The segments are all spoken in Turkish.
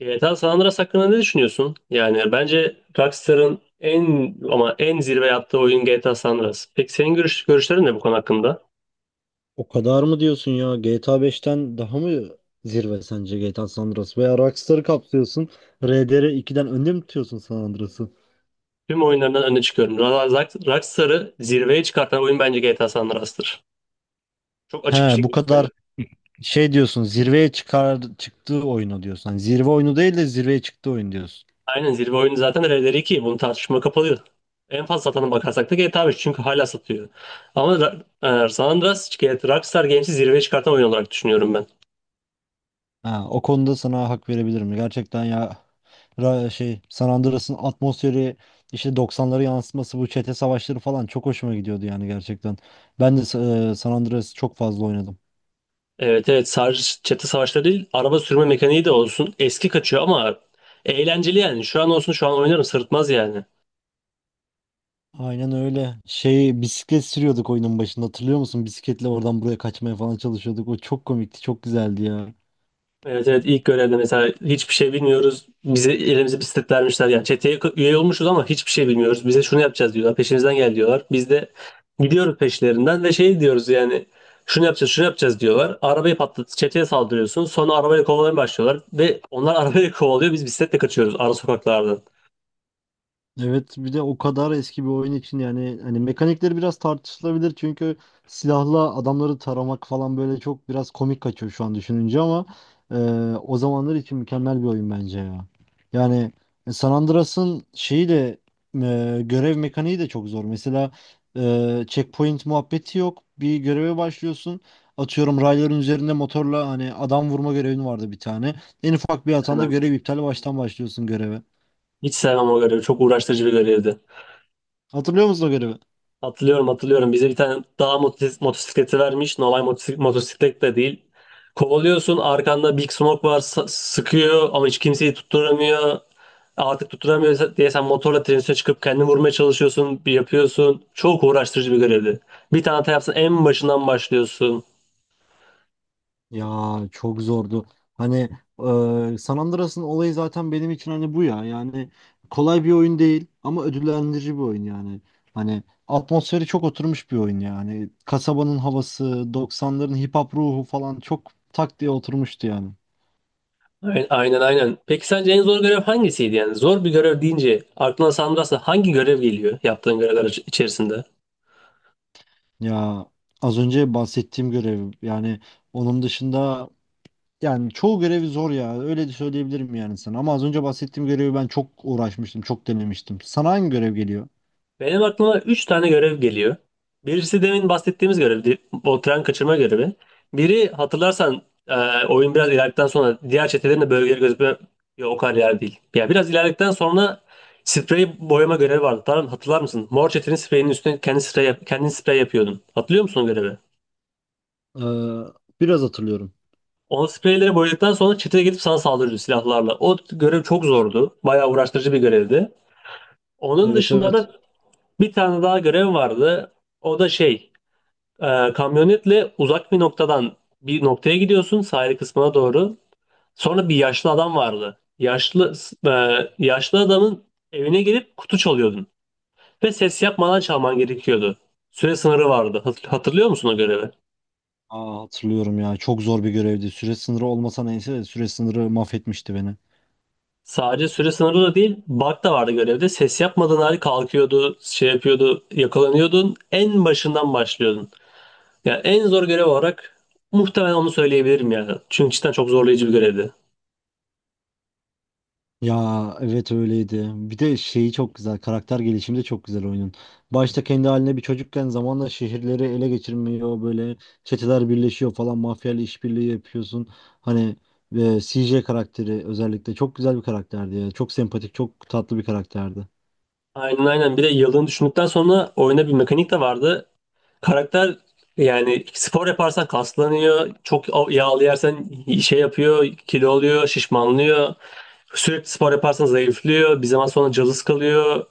GTA San Andreas hakkında ne düşünüyorsun? Yani bence Rockstar'ın en ama en zirve yaptığı oyun GTA San Andreas. Peki senin görüşlerin ne bu konu hakkında? O kadar mı diyorsun ya? GTA 5'ten daha mı zirve sence GTA San Andreas? Veya Rockstar'ı kapsıyorsun. RDR ikiden önde mi tutuyorsun San Andreas'ı? Tüm oyunlarından öne çıkıyorum. Rockstar'ı zirveye çıkartan oyun bence GTA San Andreas'tır. Çok açık bir He, bu şekilde kadar söylüyorum. şey diyorsun, zirveye çıktığı oyunu diyorsun. Hani zirve oyunu değil de zirveye çıktığı oyun diyorsun. Aynen, zirve oyunu zaten Red Dead 2. Bunu tartışma kapalı. En fazla satana bakarsak da GTA 5, çünkü hala satıyor. Ama San Andreas, G T A Rockstar Games'i zirveye çıkartan oyun olarak düşünüyorum ben. Ha, o konuda sana hak verebilirim. Gerçekten ya, şey, San Andreas'ın atmosferi, işte doksanları yansıtması, bu çete savaşları falan çok hoşuma gidiyordu yani gerçekten. Ben de San Andreas'ı çok fazla oynadım. Evet, evet, sadece çete savaşları değil, araba sürme mekaniği de olsun. Eski kaçıyor ama eğlenceli yani. Şu an olsun, şu an oynarım, sırıtmaz yani. Aynen öyle. Şey, bisiklet sürüyorduk oyunun başında, hatırlıyor musun? Bisikletle oradan buraya kaçmaya falan çalışıyorduk. O çok komikti, çok güzeldi ya. Evet, evet, ilk görevde mesela hiçbir şey bilmiyoruz. Bize elimize bisiklet vermişler. Yani çeteye üye olmuşuz ama hiçbir şey bilmiyoruz. Bize şunu yapacağız diyorlar. Peşimizden gel diyorlar. Biz de gidiyoruz peşlerinden ve şey diyoruz yani, şunu yapacağız, şunu yapacağız diyorlar. Arabayı patlat, çeteye saldırıyorsun. Sonra arabayla kovalamaya başlıyorlar ve onlar arabayla kovalıyor. Biz bisikletle kaçıyoruz ara sokaklardan. Evet, bir de o kadar eski bir oyun için yani, hani mekanikleri biraz tartışılabilir, çünkü silahla adamları taramak falan böyle çok biraz komik kaçıyor şu an düşününce ama e, o zamanlar için mükemmel bir oyun bence ya. Yani San Andreas'ın şeyi de, görev mekaniği de çok zor. Mesela checkpoint muhabbeti yok. Bir göreve başlıyorsun. Atıyorum, rayların üzerinde motorla hani adam vurma görevin vardı bir tane. En ufak bir hatanda Hemen. görev iptal, baştan başlıyorsun göreve. Hiç sevmem o görevi. Çok uğraştırıcı bir görevdi. Hatırlıyor musun o görevi? Hatırlıyorum, hatırlıyorum. Bize bir tane dağ motosikleti vermiş. Normal motosiklet de değil. Kovalıyorsun, arkanda Big Smoke var, sıkıyor ama hiç kimseyi tutturamıyor. Artık tutturamıyor diye sen motorla trenin üstüne çıkıp kendini vurmaya çalışıyorsun. Bir yapıyorsun. Çok uğraştırıcı bir görevdi. Bir tane hata yapsan en başından başlıyorsun. Ya, çok zordu. Hani San Andreas'ın olayı zaten benim için hani bu ya. Yani kolay bir oyun değil ama ödüllendirici bir oyun yani. Hani atmosferi çok oturmuş bir oyun yani. Kasabanın havası, doksanların hip hop ruhu falan çok tak diye oturmuştu yani. Aynen, aynen, aynen. Peki sence en zor görev hangisiydi yani? Zor bir görev deyince aklına Sandras'la hangi görev geliyor, yaptığın görevler içerisinde? Ya, az önce bahsettiğim görev yani, onun dışında yani çoğu görevi zor ya. Öyle de söyleyebilirim yani sana. Ama az önce bahsettiğim görevi ben çok uğraşmıştım, çok denemiştim. Sana hangi görev geliyor? Benim aklıma 3 tane görev geliyor. Birisi demin bahsettiğimiz görevdi. O tren kaçırma görevi. Biri hatırlarsan, oyun biraz ilerledikten sonra diğer çetelerin de bölgeleri gözükme. Yok, o kadar yer değil. Ya biraz ilerledikten sonra sprey boyama görevi vardı. Tamam, hatırlar mısın? Mor çetenin spreyinin üstüne kendin sprey yapıyordun. Hatırlıyor musun o görevi? Ee, biraz hatırlıyorum. O spreyleri boyadıktan sonra çeteye gidip sana saldırıyordu silahlarla. O görev çok zordu. Bayağı uğraştırıcı bir görevdi. Onun Evet, dışında evet. da bir tane daha görev vardı. O da şey. Kamyonetle uzak bir noktadan bir noktaya gidiyorsun, sahil kısmına doğru. Sonra bir yaşlı adam vardı. E, yaşlı adamın evine gelip kutu çalıyordun ve ses yapmadan çalman gerekiyordu. Süre sınırı vardı. Hatırlıyor musun o görevi? Aa, hatırlıyorum ya. Çok zor bir görevdi. Süre sınırı olmasa neyse de, süre sınırı mahvetmişti beni. Sadece süre sınırı da değil, bug da vardı görevde. Ses yapmadığın halde kalkıyordu, şey yapıyordu, yakalanıyordun. En başından başlıyordun. Yani en zor görev olarak muhtemelen onu söyleyebilirim yani. Çünkü cidden çok zorlayıcı bir görevdi. Ya evet, öyleydi. Bir de şeyi çok güzel. Karakter gelişimi de çok güzel oyunun. Başta kendi haline bir çocukken zamanla şehirleri ele geçirmiyor. Böyle çeteler birleşiyor falan. Mafyayla işbirliği yapıyorsun. Hani, ve CJ karakteri özellikle çok güzel bir karakterdi ya. Çok sempatik, çok tatlı bir karakterdi. Aynen, aynen. Bir de yıldığını düşündükten sonra oyuna bir mekanik de vardı. Karakter yani, spor yaparsan kaslanıyor. Çok yağlı yersen şey yapıyor, kilo oluyor, şişmanlıyor. Sürekli spor yaparsan zayıflıyor. Bir zaman sonra cılız kalıyor.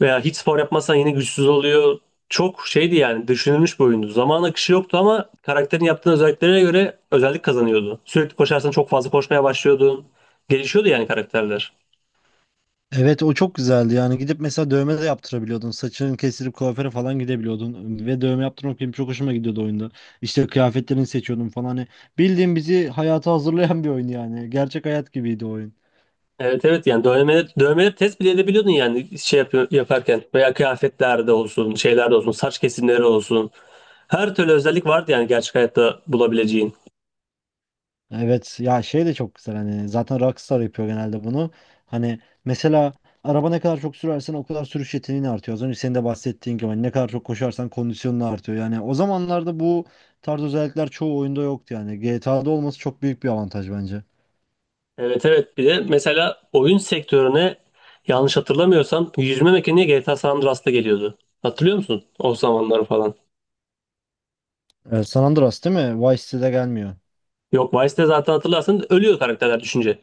Veya hiç spor yapmazsan yine güçsüz oluyor. Çok şeydi yani, düşünülmüş bir oyundu. Zaman akışı yoktu ama karakterin yaptığı özelliklere göre özellik kazanıyordu. Sürekli koşarsan çok fazla koşmaya başlıyordun. Gelişiyordu yani karakterler. Evet, o çok güzeldi yani. Gidip mesela dövme de yaptırabiliyordun, saçını kestirip kuaföre falan gidebiliyordun ve dövme yaptırmak benim çok hoşuma gidiyordu oyunda. İşte kıyafetlerini seçiyordum falan. Hani bildiğin bizi hayata hazırlayan bir oyun yani, gerçek hayat gibiydi o oyun. Evet, evet, yani dövmeleri, dövmeleri test bile edebiliyordun yani, şey yapıyor, yaparken veya kıyafetlerde olsun, şeylerde olsun, saç kesimleri olsun, her türlü özellik vardı yani, gerçek hayatta bulabileceğin. Evet ya, şey de çok güzel, hani zaten Rockstar yapıyor genelde bunu, hani mesela araba ne kadar çok sürersen o kadar sürüş yeteneğin artıyor, az önce senin de bahsettiğin gibi hani ne kadar çok koşarsan kondisyonun artıyor. Yani o zamanlarda bu tarz özellikler çoğu oyunda yoktu yani, GTA'da olması çok büyük bir avantaj bence. Evet, evet, bir de mesela oyun sektörüne, yanlış hatırlamıyorsam, yüzme mekaniği GTA San Andreas'ta geliyordu. Hatırlıyor musun o zamanları falan? San Andreas değil mi? Vice City'de gelmiyor. Yok, Vice'de zaten hatırlarsın, ölüyor karakterler düşünce.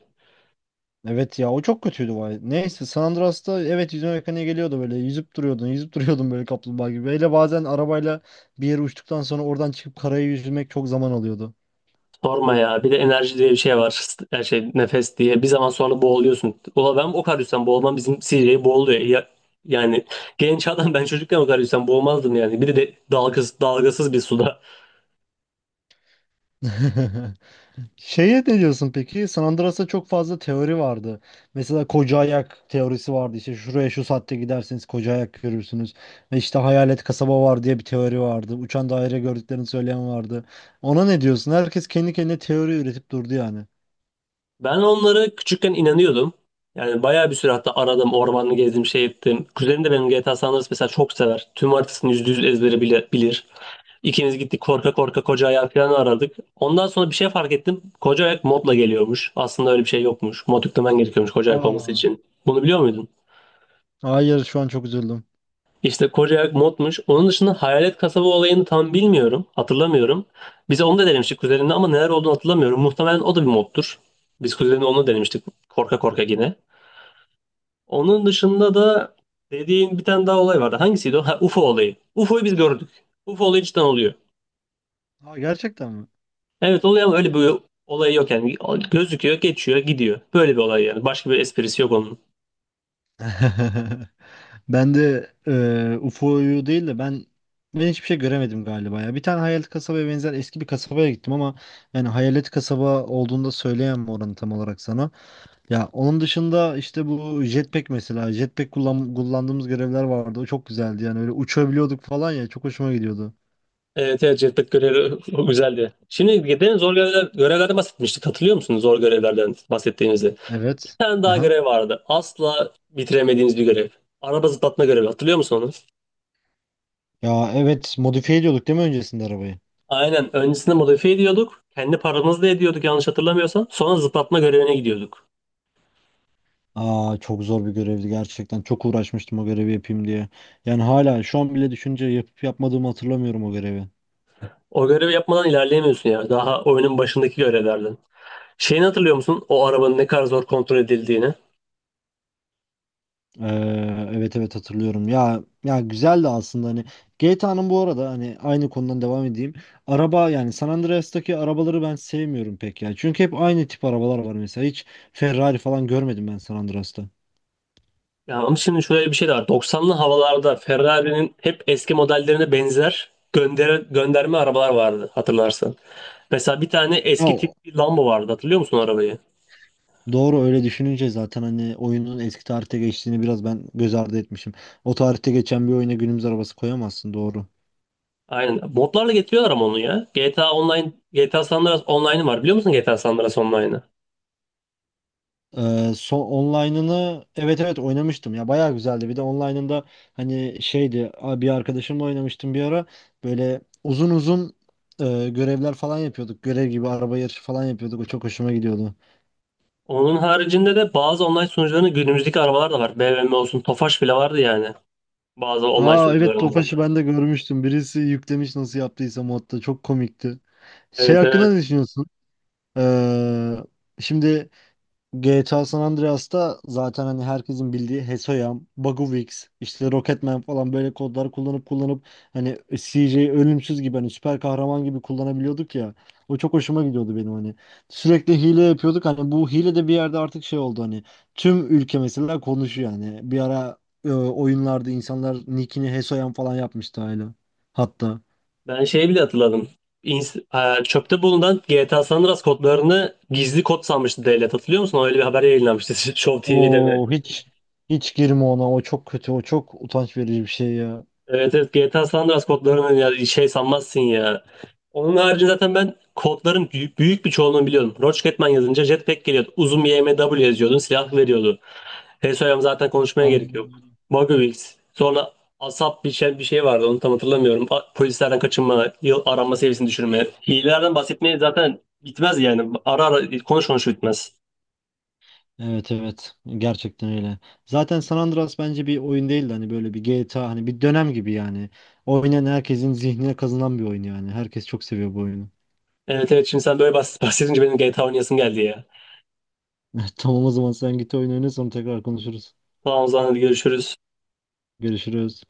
Evet ya, o çok kötüydü Vice. Neyse, San Andreas'ta evet, yüzme mekaniğe geliyordu, böyle yüzüp duruyordun, yüzüp duruyordun, böyle kaplumbağa gibi. Böyle bazen arabayla bir yere uçtuktan sonra oradan çıkıp karaya yüzmek çok zaman alıyordu. Sorma ya. Bir de enerji diye bir şey var. Her şey nefes diye. Bir zaman sonra boğuluyorsun. Ulan ben o kadar yüzden boğulmam, bizim CJ boğuluyor. Ya, yani genç adam, ben çocukken o kadar yüzden boğulmazdım yani. Bir de dalgasız, dalgasız bir suda. Şeye ne diyorsun peki? San Andreas'ta çok fazla teori vardı. Mesela koca ayak teorisi vardı. İşte şuraya şu saatte giderseniz koca ayak görürsünüz. Ve işte hayalet kasaba var diye bir teori vardı. Uçan daire gördüklerini söyleyen vardı. Ona ne diyorsun? Herkes kendi kendine teori üretip durdu yani. Ben onlara küçükken inanıyordum. Yani bayağı bir süre, hatta aradım, ormanı gezdim, şey ettim. Kuzenim de benim, GTA San Andreas mesela çok sever. Tüm haritasını %100 ezbere bile bilir. İkimiz gittik korka korka koca ayak falan aradık. Ondan sonra bir şey fark ettim. Koca ayak modla geliyormuş. Aslında öyle bir şey yokmuş. Mod yüklemen gerekiyormuş koca ayak olması Aa, için. Bunu biliyor muydun? hayır, şu an çok üzüldüm. İşte koca ayak modmuş. Onun dışında hayalet kasaba olayını tam bilmiyorum. Hatırlamıyorum. Bize onu da denemiştik kuzenimle ama neler olduğunu hatırlamıyorum. Muhtemelen o da bir moddur. Biz kuzenimle onu denemiştik, korka korka yine. Onun dışında da dediğin bir tane daha olay vardı. Hangisiydi o? Ha, UFO olayı. UFO'yu biz gördük. UFO olayı cidden oluyor. Aa, gerçekten mi? Evet, oluyor ama öyle bir olayı yok yani. Gözüküyor, geçiyor, gidiyor. Böyle bir olay yani. Başka bir esprisi yok onun. Ben de UFO'yu değil de, ben hiçbir şey göremedim galiba ya. Bir tane hayalet kasabaya benzer eski bir kasabaya gittim ama yani hayalet kasaba olduğunda söyleyemem oranı tam olarak sana. Ya, onun dışında işte bu jetpack, mesela jetpack kullandığımız görevler vardı. O çok güzeldi yani, öyle uçabiliyorduk falan ya, çok hoşuma gidiyordu. Evet, evet, Jetpack görevi o güzeldi. Şimdi gidelim zor görevlerden bahsetmiştik. Hatırlıyor musunuz zor görevlerden bahsettiğimizi? Bir Evet. tane daha Aha. görev vardı. Asla bitiremediğimiz bir görev. Araba zıplatma görevi. Hatırlıyor musun onu? Ya evet, modifiye ediyorduk değil mi öncesinde arabayı? Aynen. Öncesinde modifiye ediyorduk. Kendi paramızla ediyorduk, yanlış hatırlamıyorsam. Sonra zıplatma görevine gidiyorduk. Aa, çok zor bir görevdi gerçekten. Çok uğraşmıştım o görevi yapayım diye. Yani hala şu an bile düşünce yapıp yapmadığımı hatırlamıyorum o görevi. O görevi yapmadan ilerleyemiyorsun ya. Daha oyunun başındaki görevlerden. Şeyini hatırlıyor musun? O arabanın ne kadar zor kontrol edildiğini. Ee, evet, evet, hatırlıyorum. Ya ya, güzeldi aslında hani. GTA'nın bu arada, hani aynı konudan devam edeyim. Araba yani, San Andreas'taki arabaları ben sevmiyorum pek ya. Çünkü hep aynı tip arabalar var mesela. Hiç Ferrari falan görmedim ben San Andreas'ta. Ya ama şimdi şöyle bir şey de var. Doksanlı havalarda Ferrari'nin hep eski modellerine benzer gönderme arabalar vardı, hatırlarsan. Mesela bir tane Ya, eski tip bir Lambo vardı, hatırlıyor musun arabayı? doğru, öyle düşününce zaten hani oyunun eski tarihte geçtiğini biraz ben göz ardı etmişim. O tarihte geçen bir oyuna günümüz arabası koyamazsın, doğru. Aynen. Modlarla getiriyorlar ama onu ya. GTA Online, GTA San Andreas Online'ı var, biliyor musun GTA San Andreas Online'ı? So online'ını, evet evet, oynamıştım ya, bayağı güzeldi. Bir de online'ında hani şeydi, bir arkadaşımla oynamıştım bir ara, böyle uzun uzun görevler falan yapıyorduk, görev gibi araba yarışı falan yapıyorduk, o çok hoşuma gidiyordu. Onun haricinde de bazı online sunucuların günümüzdeki arabalar da var. BMW olsun, Tofaş bile vardı yani. Bazı online Aa evet, sunucularında. Tofaş'ı ben de görmüştüm, birisi yüklemiş nasıl yaptıysa modda, çok komikti. Şey Evet, hakkında ne evet. düşünüyorsun? Ee, şimdi GTA San Andreas'ta zaten hani herkesin bildiği Hesoyam, Baguvix, işte Rocketman falan, böyle kodlar kullanıp kullanıp hani CJ'yi ölümsüz gibi, hani süper kahraman gibi kullanabiliyorduk ya. O çok hoşuma gidiyordu benim hani. Sürekli hile yapıyorduk, hani bu hile de bir yerde artık şey oldu hani, tüm ülke mesela konuşuyor yani. Bir ara oyunlarda insanlar nickini Hesoyam falan yapmıştı hala. Hatta. Ben şeyi bile hatırladım. Çöpte bulunan GTA San Andreas kodlarını gizli kod sanmıştı devlet. Hatırlıyor musun? Öyle bir haber yayınlanmıştı Show TV'de. Oo, hiç hiç girme ona, o çok kötü, o çok utanç verici bir şey ya. Evet, evet, GTA San Andreas kodlarını ya, şey sanmazsın ya. Onun harici zaten ben kodların büyük, büyük bir çoğunluğunu biliyordum. Rocketman yazınca Jetpack geliyordu. Uzun YMW yazıyordun, silah veriyordu. HSO'ya zaten konuşmaya gerek yok. Ay. Bugwills. Sonra ASAP bir şey vardı, onu tam hatırlamıyorum. Polislerden kaçınma, yıl aranma seviyesini düşürme. Hilelerden bahsetmeye zaten bitmez yani. Ara ara konuş konuş bitmez. Evet evet, gerçekten öyle. Zaten San Andreas bence bir oyun değildi, hani böyle bir GTA hani bir dönem gibi yani. Oynayan herkesin zihnine kazınan bir oyun yani. Herkes çok seviyor bu oyunu. Evet, evet, şimdi sen böyle bahsedince benim GTA oynayasım geldi ya. Tamam o zaman, sen git oyun oyna, sonra tekrar konuşuruz. Tamam, o zaman hadi görüşürüz. Görüşürüz.